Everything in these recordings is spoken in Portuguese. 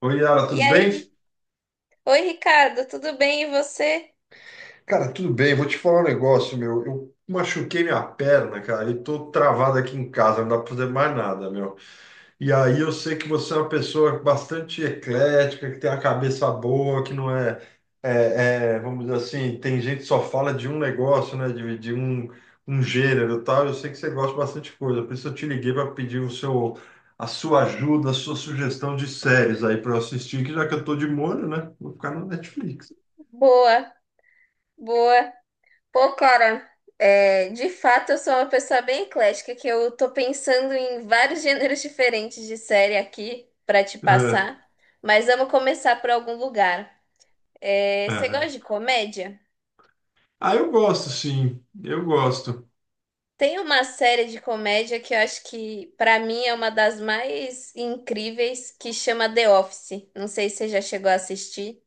Oi, Yara, E tudo bem? aí? Oi, Ricardo, tudo bem e você? Cara, tudo bem. Vou te falar um negócio, meu. Eu machuquei minha perna, cara, e tô travado aqui em casa, não dá pra fazer mais nada, meu. E aí eu sei que você é uma pessoa bastante eclética, que tem a cabeça boa, que não é, vamos dizer assim, tem gente que só fala de um negócio, né, de um gênero e tal. Eu sei que você gosta bastante de coisa, por isso eu te liguei para pedir a sua ajuda, a sua sugestão de séries aí para eu assistir, que já que eu tô de molho, né, vou ficar no Netflix. Boa, boa. Pô, cara, é, de fato eu sou uma pessoa bem eclética, que eu tô pensando em vários gêneros diferentes de série aqui pra te É, passar, mas vamos começar por algum lugar. É, você gosta aham. de comédia? Ah, eu gosto, sim. Eu gosto. Tem uma série de comédia que eu acho que, pra mim, é uma das mais incríveis, que chama The Office. Não sei se você já chegou a assistir.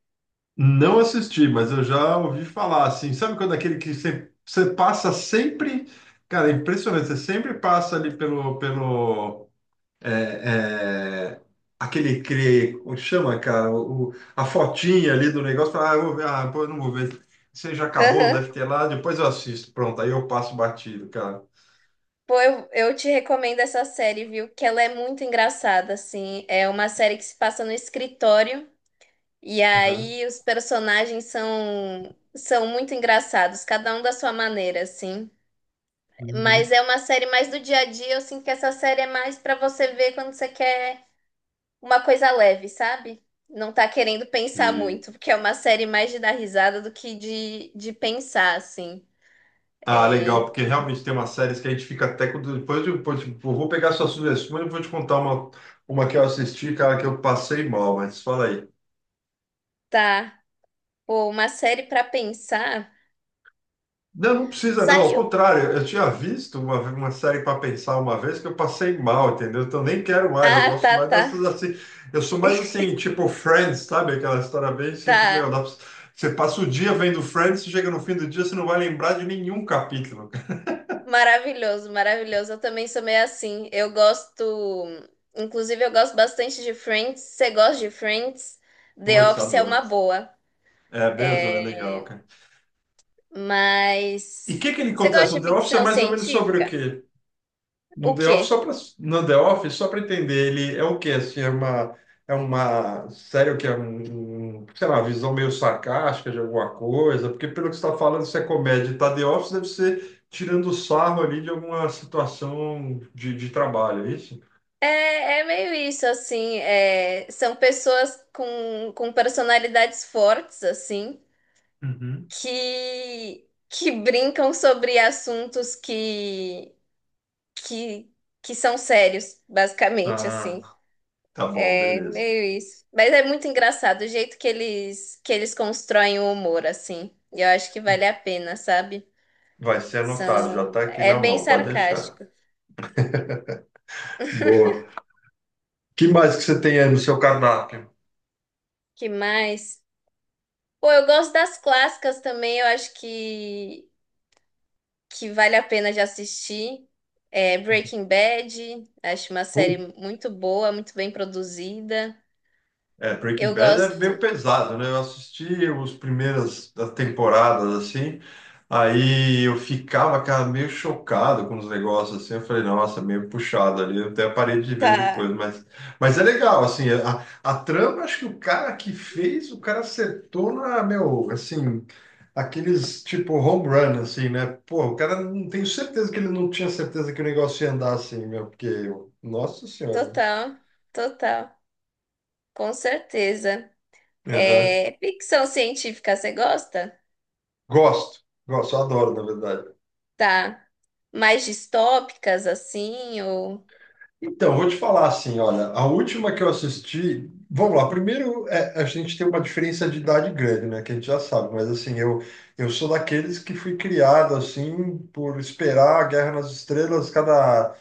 Não assisti, mas eu já ouvi falar, assim. Sabe quando aquele que você passa sempre. Cara, é impressionante. Você sempre passa ali pelo, é, é, como chama, cara, a fotinha ali do negócio, fala, ah, eu vou ver, ah, pô, eu não vou ver. Você já acabou, Aham. deve ter lá, depois eu assisto. Pronto, aí eu passo batido, cara. Pô, eu te recomendo essa série, viu? Que ela é muito engraçada, assim. É uma série que se passa no escritório, e Aham. aí os personagens são muito engraçados, cada um da sua maneira, assim. Mas é uma série mais do dia a dia, eu sinto que essa série é mais pra você ver quando você quer. Uma coisa leve, sabe? Não tá querendo pensar Uhum. muito, porque é uma série mais de dar risada do que de pensar, assim. Ah, É, legal, porque realmente tem umas séries que a gente fica até quando. Depois eu, depois, tipo, eu vou pegar suas sugestões e vou te contar uma que eu assisti, cara, que eu passei mal, mas fala aí. tá. Pô, uma série pra pensar. Não, não precisa, não. Ao Saiu. contrário, eu tinha visto uma série para pensar uma vez que eu passei mal, entendeu? Então nem quero mais, eu Ah, tá, gosto mais tá, dessas assim. Eu sou mais assim, tipo Friends, sabe? Aquela história bem assim, que, meu, tá. Você passa o dia vendo Friends, chega no fim do dia, você não vai lembrar de nenhum capítulo. Cara. Maravilhoso, maravilhoso. Eu também sou meio assim. Eu gosto. Inclusive, eu gosto bastante de Friends. Você gosta de Friends? The Putz, Office é uma adoro. boa. É, Benzo é legal, É, cara. mas. E o que que ele Você acontece gosta no de The Office é ficção mais ou menos sobre o científica? quê? No O The Office, só quê? para No The Office, só para entender, ele é o quê? Assim, é uma série que é sei lá, visão meio sarcástica de alguma coisa, porque pelo que você está falando, se é comédia e tá The Office, deve ser tirando sarro ali de alguma situação de trabalho, é isso? É, é meio isso, assim, é, são pessoas com personalidades fortes, assim, Uhum. que, brincam sobre assuntos que, que são sérios, basicamente, Ah, assim, tá bom, é beleza. meio isso. Mas é muito engraçado o jeito que eles constroem o humor, assim, e eu acho que vale a pena, sabe? Vai ser anotado, já São, está aqui é na bem mão, pode deixar. sarcástico. Boa. Que mais que você tem aí no seu cardápio? Que mais? Pô, eu gosto das clássicas também, eu acho que vale a pena de assistir. É Breaking Bad, acho uma série muito boa, muito bem produzida. É, Breaking Eu Bad é meio gosto. pesado, né? Eu assisti as primeiras das temporadas, assim, aí eu ficava, cara, meio chocado com os negócios, assim, eu falei, nossa, meio puxado ali, eu até parei de ver depois, Tá, mas é legal, assim, a trama, acho que o cara que fez, o cara acertou na, meu, assim, aqueles, tipo, home run, assim, né? Pô, o cara, não tenho certeza que ele não tinha certeza que o negócio ia andar assim, meu, porque, nossa senhora. total, total, com certeza. Aham. É, ficção científica, você gosta? Gosto, gosto, adoro, na verdade. Tá. Mais distópicas, assim, ou... Então, vou te falar assim, olha, a última que eu assisti, vamos lá, primeiro é, a gente tem uma diferença de idade grande, né, que a gente já sabe, mas assim, eu sou daqueles que fui criado, assim, por esperar a Guerra nas Estrelas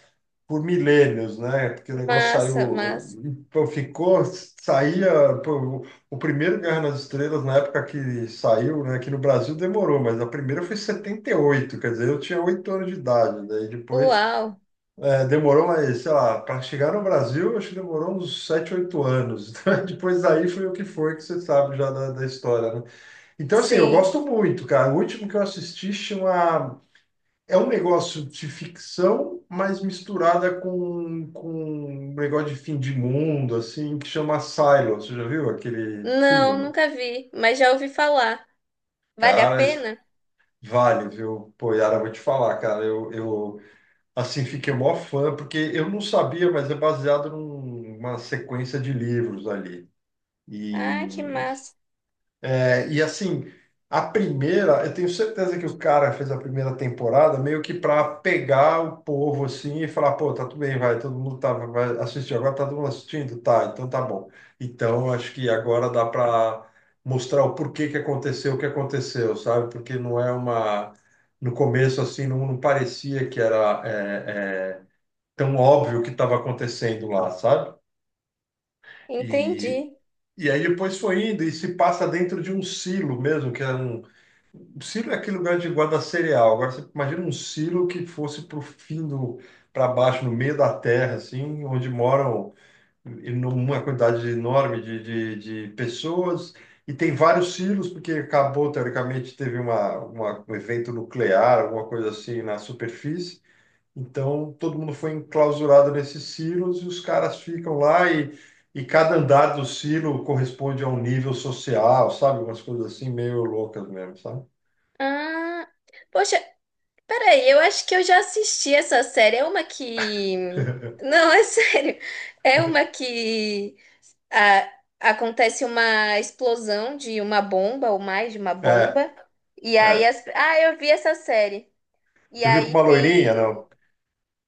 por milênios, né, porque o negócio Massa, saiu, massa. pô, ficou, saía, pô, o primeiro Guerra nas Estrelas, na época que saiu, né, aqui no Brasil demorou, mas a primeira foi em setenta e oito, quer dizer, eu tinha 8 anos de idade, daí depois. Uau, É, demorou, mas sei lá, para chegar no Brasil, acho que demorou uns 7, 8 anos. Depois daí foi o que foi, que você sabe já da história, né? Então, assim, eu sim. gosto muito, cara. O último que eu assisti chama. É um negócio de ficção, mas misturada com um negócio de fim de mundo, assim, que chama Silo. Você já viu aquele Não, Silo? nunca vi, mas já ouvi falar. Vale a Cara, pena? vale, viu? Pô, Yara, eu vou te falar, cara. Eu Assim, fiquei mó fã, porque eu não sabia, mas é baseado numa sequência de livros ali. Ah, que E, massa. Assim, a primeira, eu tenho certeza que o cara fez a primeira temporada meio que para pegar o povo assim e falar, pô, tá tudo bem, vai, todo mundo tá, vai assistir, agora tá todo mundo assistindo? Tá, então tá bom. Então, acho que agora dá para mostrar o porquê que aconteceu o que aconteceu, sabe? Porque não é uma. No começo, assim, não, não parecia que era tão óbvio o que estava acontecendo lá, sabe? E, Entendi. e aí depois foi indo e se passa dentro de um silo mesmo, que é um. O silo é aquele lugar de guarda cereal. Agora você imagina um silo que fosse para o fim do, para baixo, no meio da terra, assim, onde moram uma quantidade enorme de pessoas. E tem vários silos, porque acabou, teoricamente, teve um evento nuclear, alguma coisa assim na superfície. Então, todo mundo foi enclausurado nesses silos e os caras ficam lá e cada andar do silo corresponde a um nível social, sabe? Umas coisas assim meio loucas mesmo, sabe? Ah, poxa, peraí, eu acho que eu já assisti essa série. É uma que. Não, é sério. É uma que, ah, acontece uma explosão de uma bomba, ou mais de uma É, bomba. E aí. é. As... Ah, eu vi essa série. E Você viu com aí uma loirinha, tem. não?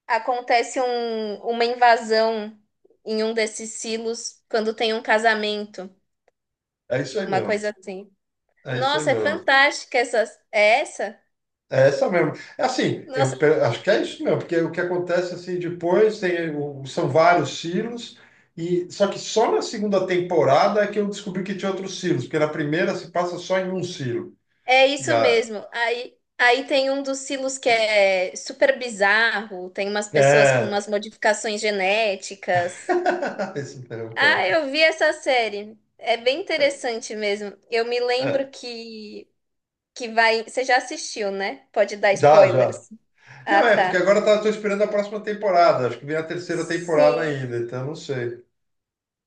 Acontece um... Uma invasão em um desses silos quando tem um casamento. É isso aí Uma mesmo. coisa assim. É isso aí Nossa, é mesmo. fantástica essa. É essa? É essa mesmo. É assim, Nossa, acho que é isso mesmo, porque o que acontece assim depois tem, são vários silos e só que só na segunda temporada é que eu descobri que tinha outros silos, porque na primeira se passa só em um silo. é E isso a, mesmo. Aí, aí tem um dos silos que é super bizarro, tem umas pessoas com é, umas modificações genéticas. Esse não, cara. Ah, eu vi essa série. É bem interessante mesmo. Eu me lembro É. Que vai, você já assistiu, né? Pode dar Já, já. spoilers. Ah, Não, é, porque tá. agora tá, tô esperando a próxima temporada. Acho que vem a terceira temporada Sim. ainda, então não sei.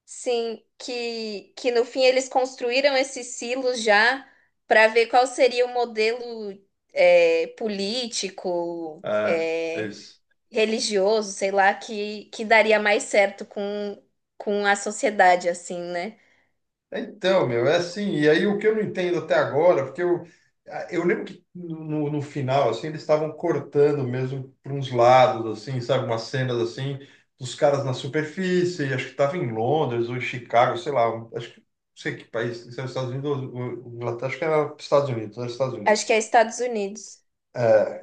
Sim, que no fim eles construíram esses silos já para ver qual seria o modelo é, político, É, é é, isso. religioso, sei lá, que daria mais certo com a sociedade, assim, né? Então, meu, é assim. E aí o que eu não entendo até agora, porque eu lembro que no final, assim, eles estavam cortando mesmo para uns lados, assim, sabe? Umas cenas assim, dos caras na superfície. Acho que tava em Londres ou em Chicago, sei lá. Acho que não sei que país, se era os Estados Unidos ou Inglaterra, acho que era Estados Unidos, era Estados Unidos. Acho que é Estados Unidos.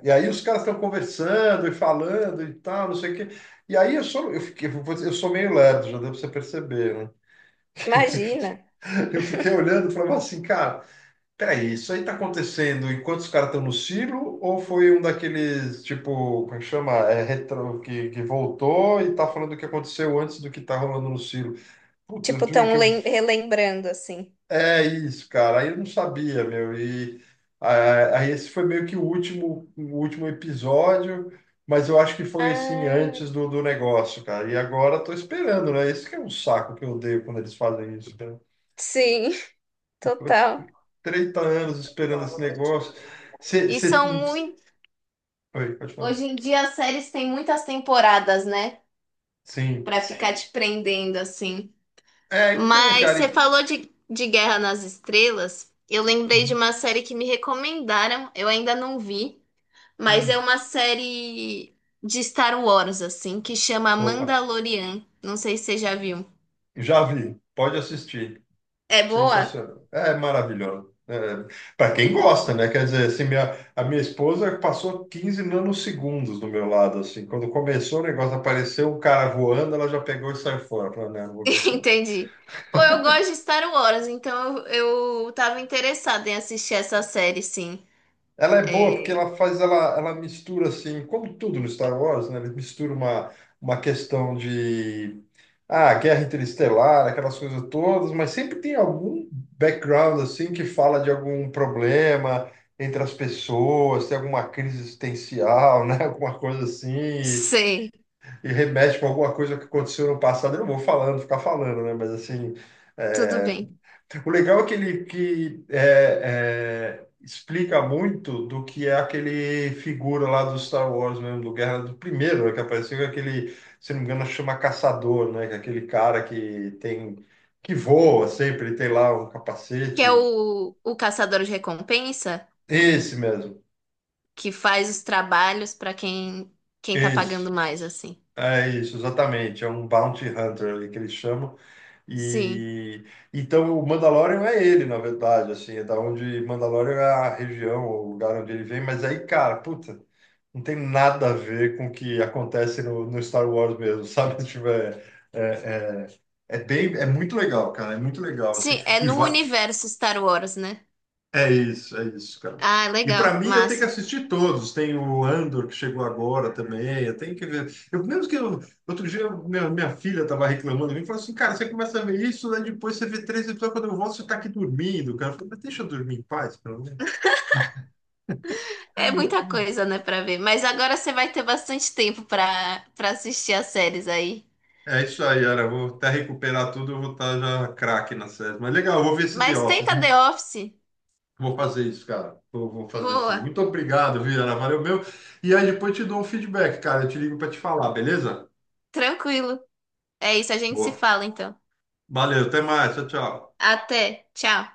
E aí os caras estão conversando e falando e tal, não sei o quê. E aí eu sou meio lerdo, já deu para você perceber, né? Imagina. Eu fiquei olhando e falava assim, cara, peraí, isso aí tá acontecendo enquanto os caras estão no silo ou foi um daqueles, tipo, como é que chama? É, retro, que voltou e tá falando o que aconteceu antes do que tá rolando no silo? Putz, eu Tipo, juro que tão eu. lem- relembrando, assim. É isso, cara. Aí eu não sabia, meu. E ah, aí esse foi meio que o último episódio, mas eu acho que foi assim antes Ah, do negócio, cara. E agora tô esperando, né? Esse que é um saco que eu odeio quando eles fazem isso, cara. sim, total. 30 anos esperando esse negócio. Você, E você. são muito. Oi, pode falar. Hoje em dia as séries têm muitas temporadas, né? Sim. Pra ficar te prendendo, assim. É, então, Mas cara. você falou de Guerra nas Estrelas. Eu lembrei de Hum, uma série que me recomendaram, eu ainda não vi. Mas é hum. uma série de Star Wars, assim, que chama Opa, Mandalorian. Não sei se você já viu. já vi. Pode assistir. É boa? Sensacional. É maravilhoso. Para quem gosta, né? Quer dizer, assim, a minha esposa passou 15 nanosegundos do meu lado, assim. Quando começou o negócio, apareceu um cara voando, ela já pegou e saiu fora. Falei, não, não vou ver isso não. Entendi. Pô, eu gosto de Star Wars, então eu tava interessada em assistir essa série, sim. Ela é boa porque É... ela faz, ela mistura, assim, como tudo no Star Wars, né? Ele mistura uma questão de, ah, Guerra Interestelar, aquelas coisas todas, mas sempre tem algum background assim que fala de algum problema entre as pessoas, tem alguma crise existencial, né? Alguma coisa assim, Sei, e remete com alguma coisa que aconteceu no passado. Eu não vou falando, ficar falando, né? Mas assim, tudo é, bem. o legal é que ele que, explica muito do que é aquele figura lá do Star Wars mesmo, do Guerra do Primeiro, né, que apareceu com aquele, se não me engano, chama Caçador, né? Que é aquele cara que tem que voa sempre, ele tem lá um Que é capacete. O Caçador de Recompensa, Esse mesmo, que faz os trabalhos pra quem, quem tá esse. pagando mais, assim. É isso, exatamente. É um Bounty Hunter ali que eles chamam. Sim. E então o Mandalorian é ele, na verdade, assim, é da onde Mandalorian é a região, o lugar onde ele vem, mas aí, cara, puta, não tem nada a ver com o que acontece no Star Wars mesmo, sabe? Tipo, é, é bem, é muito legal, cara, é muito legal, assim. Sim, é E no vai, universo Star Wars, né? É isso, cara. Ah, E para legal, mim, eu tenho que massa. assistir todos. Tem o Andor, que chegou agora também. Eu tenho que ver. Eu, mesmo que eu, outro dia, minha filha estava reclamando. Me falou assim: cara, você começa a ver isso, né? Depois você vê três episódios. Quando eu volto, você está aqui dormindo, cara. Eu falei, mas deixa eu dormir em paz, pelo menos. É muita coisa, né, pra ver. Mas agora você vai ter bastante tempo pra, pra assistir as séries aí. É isso aí, Ara. Eu vou até recuperar tudo. Eu vou estar já craque na série. Mas legal, eu vou ver esse The Mas Office. tenta The Office. Vou fazer isso, cara. Vou fazer sim. Boa, Muito obrigado, viu, Ara? Valeu meu. E aí depois eu te dou um feedback, cara. Eu te ligo para te falar, beleza? tranquilo. É isso, a gente se Boa. fala então. Valeu, até mais. Tchau, tchau. Até, tchau.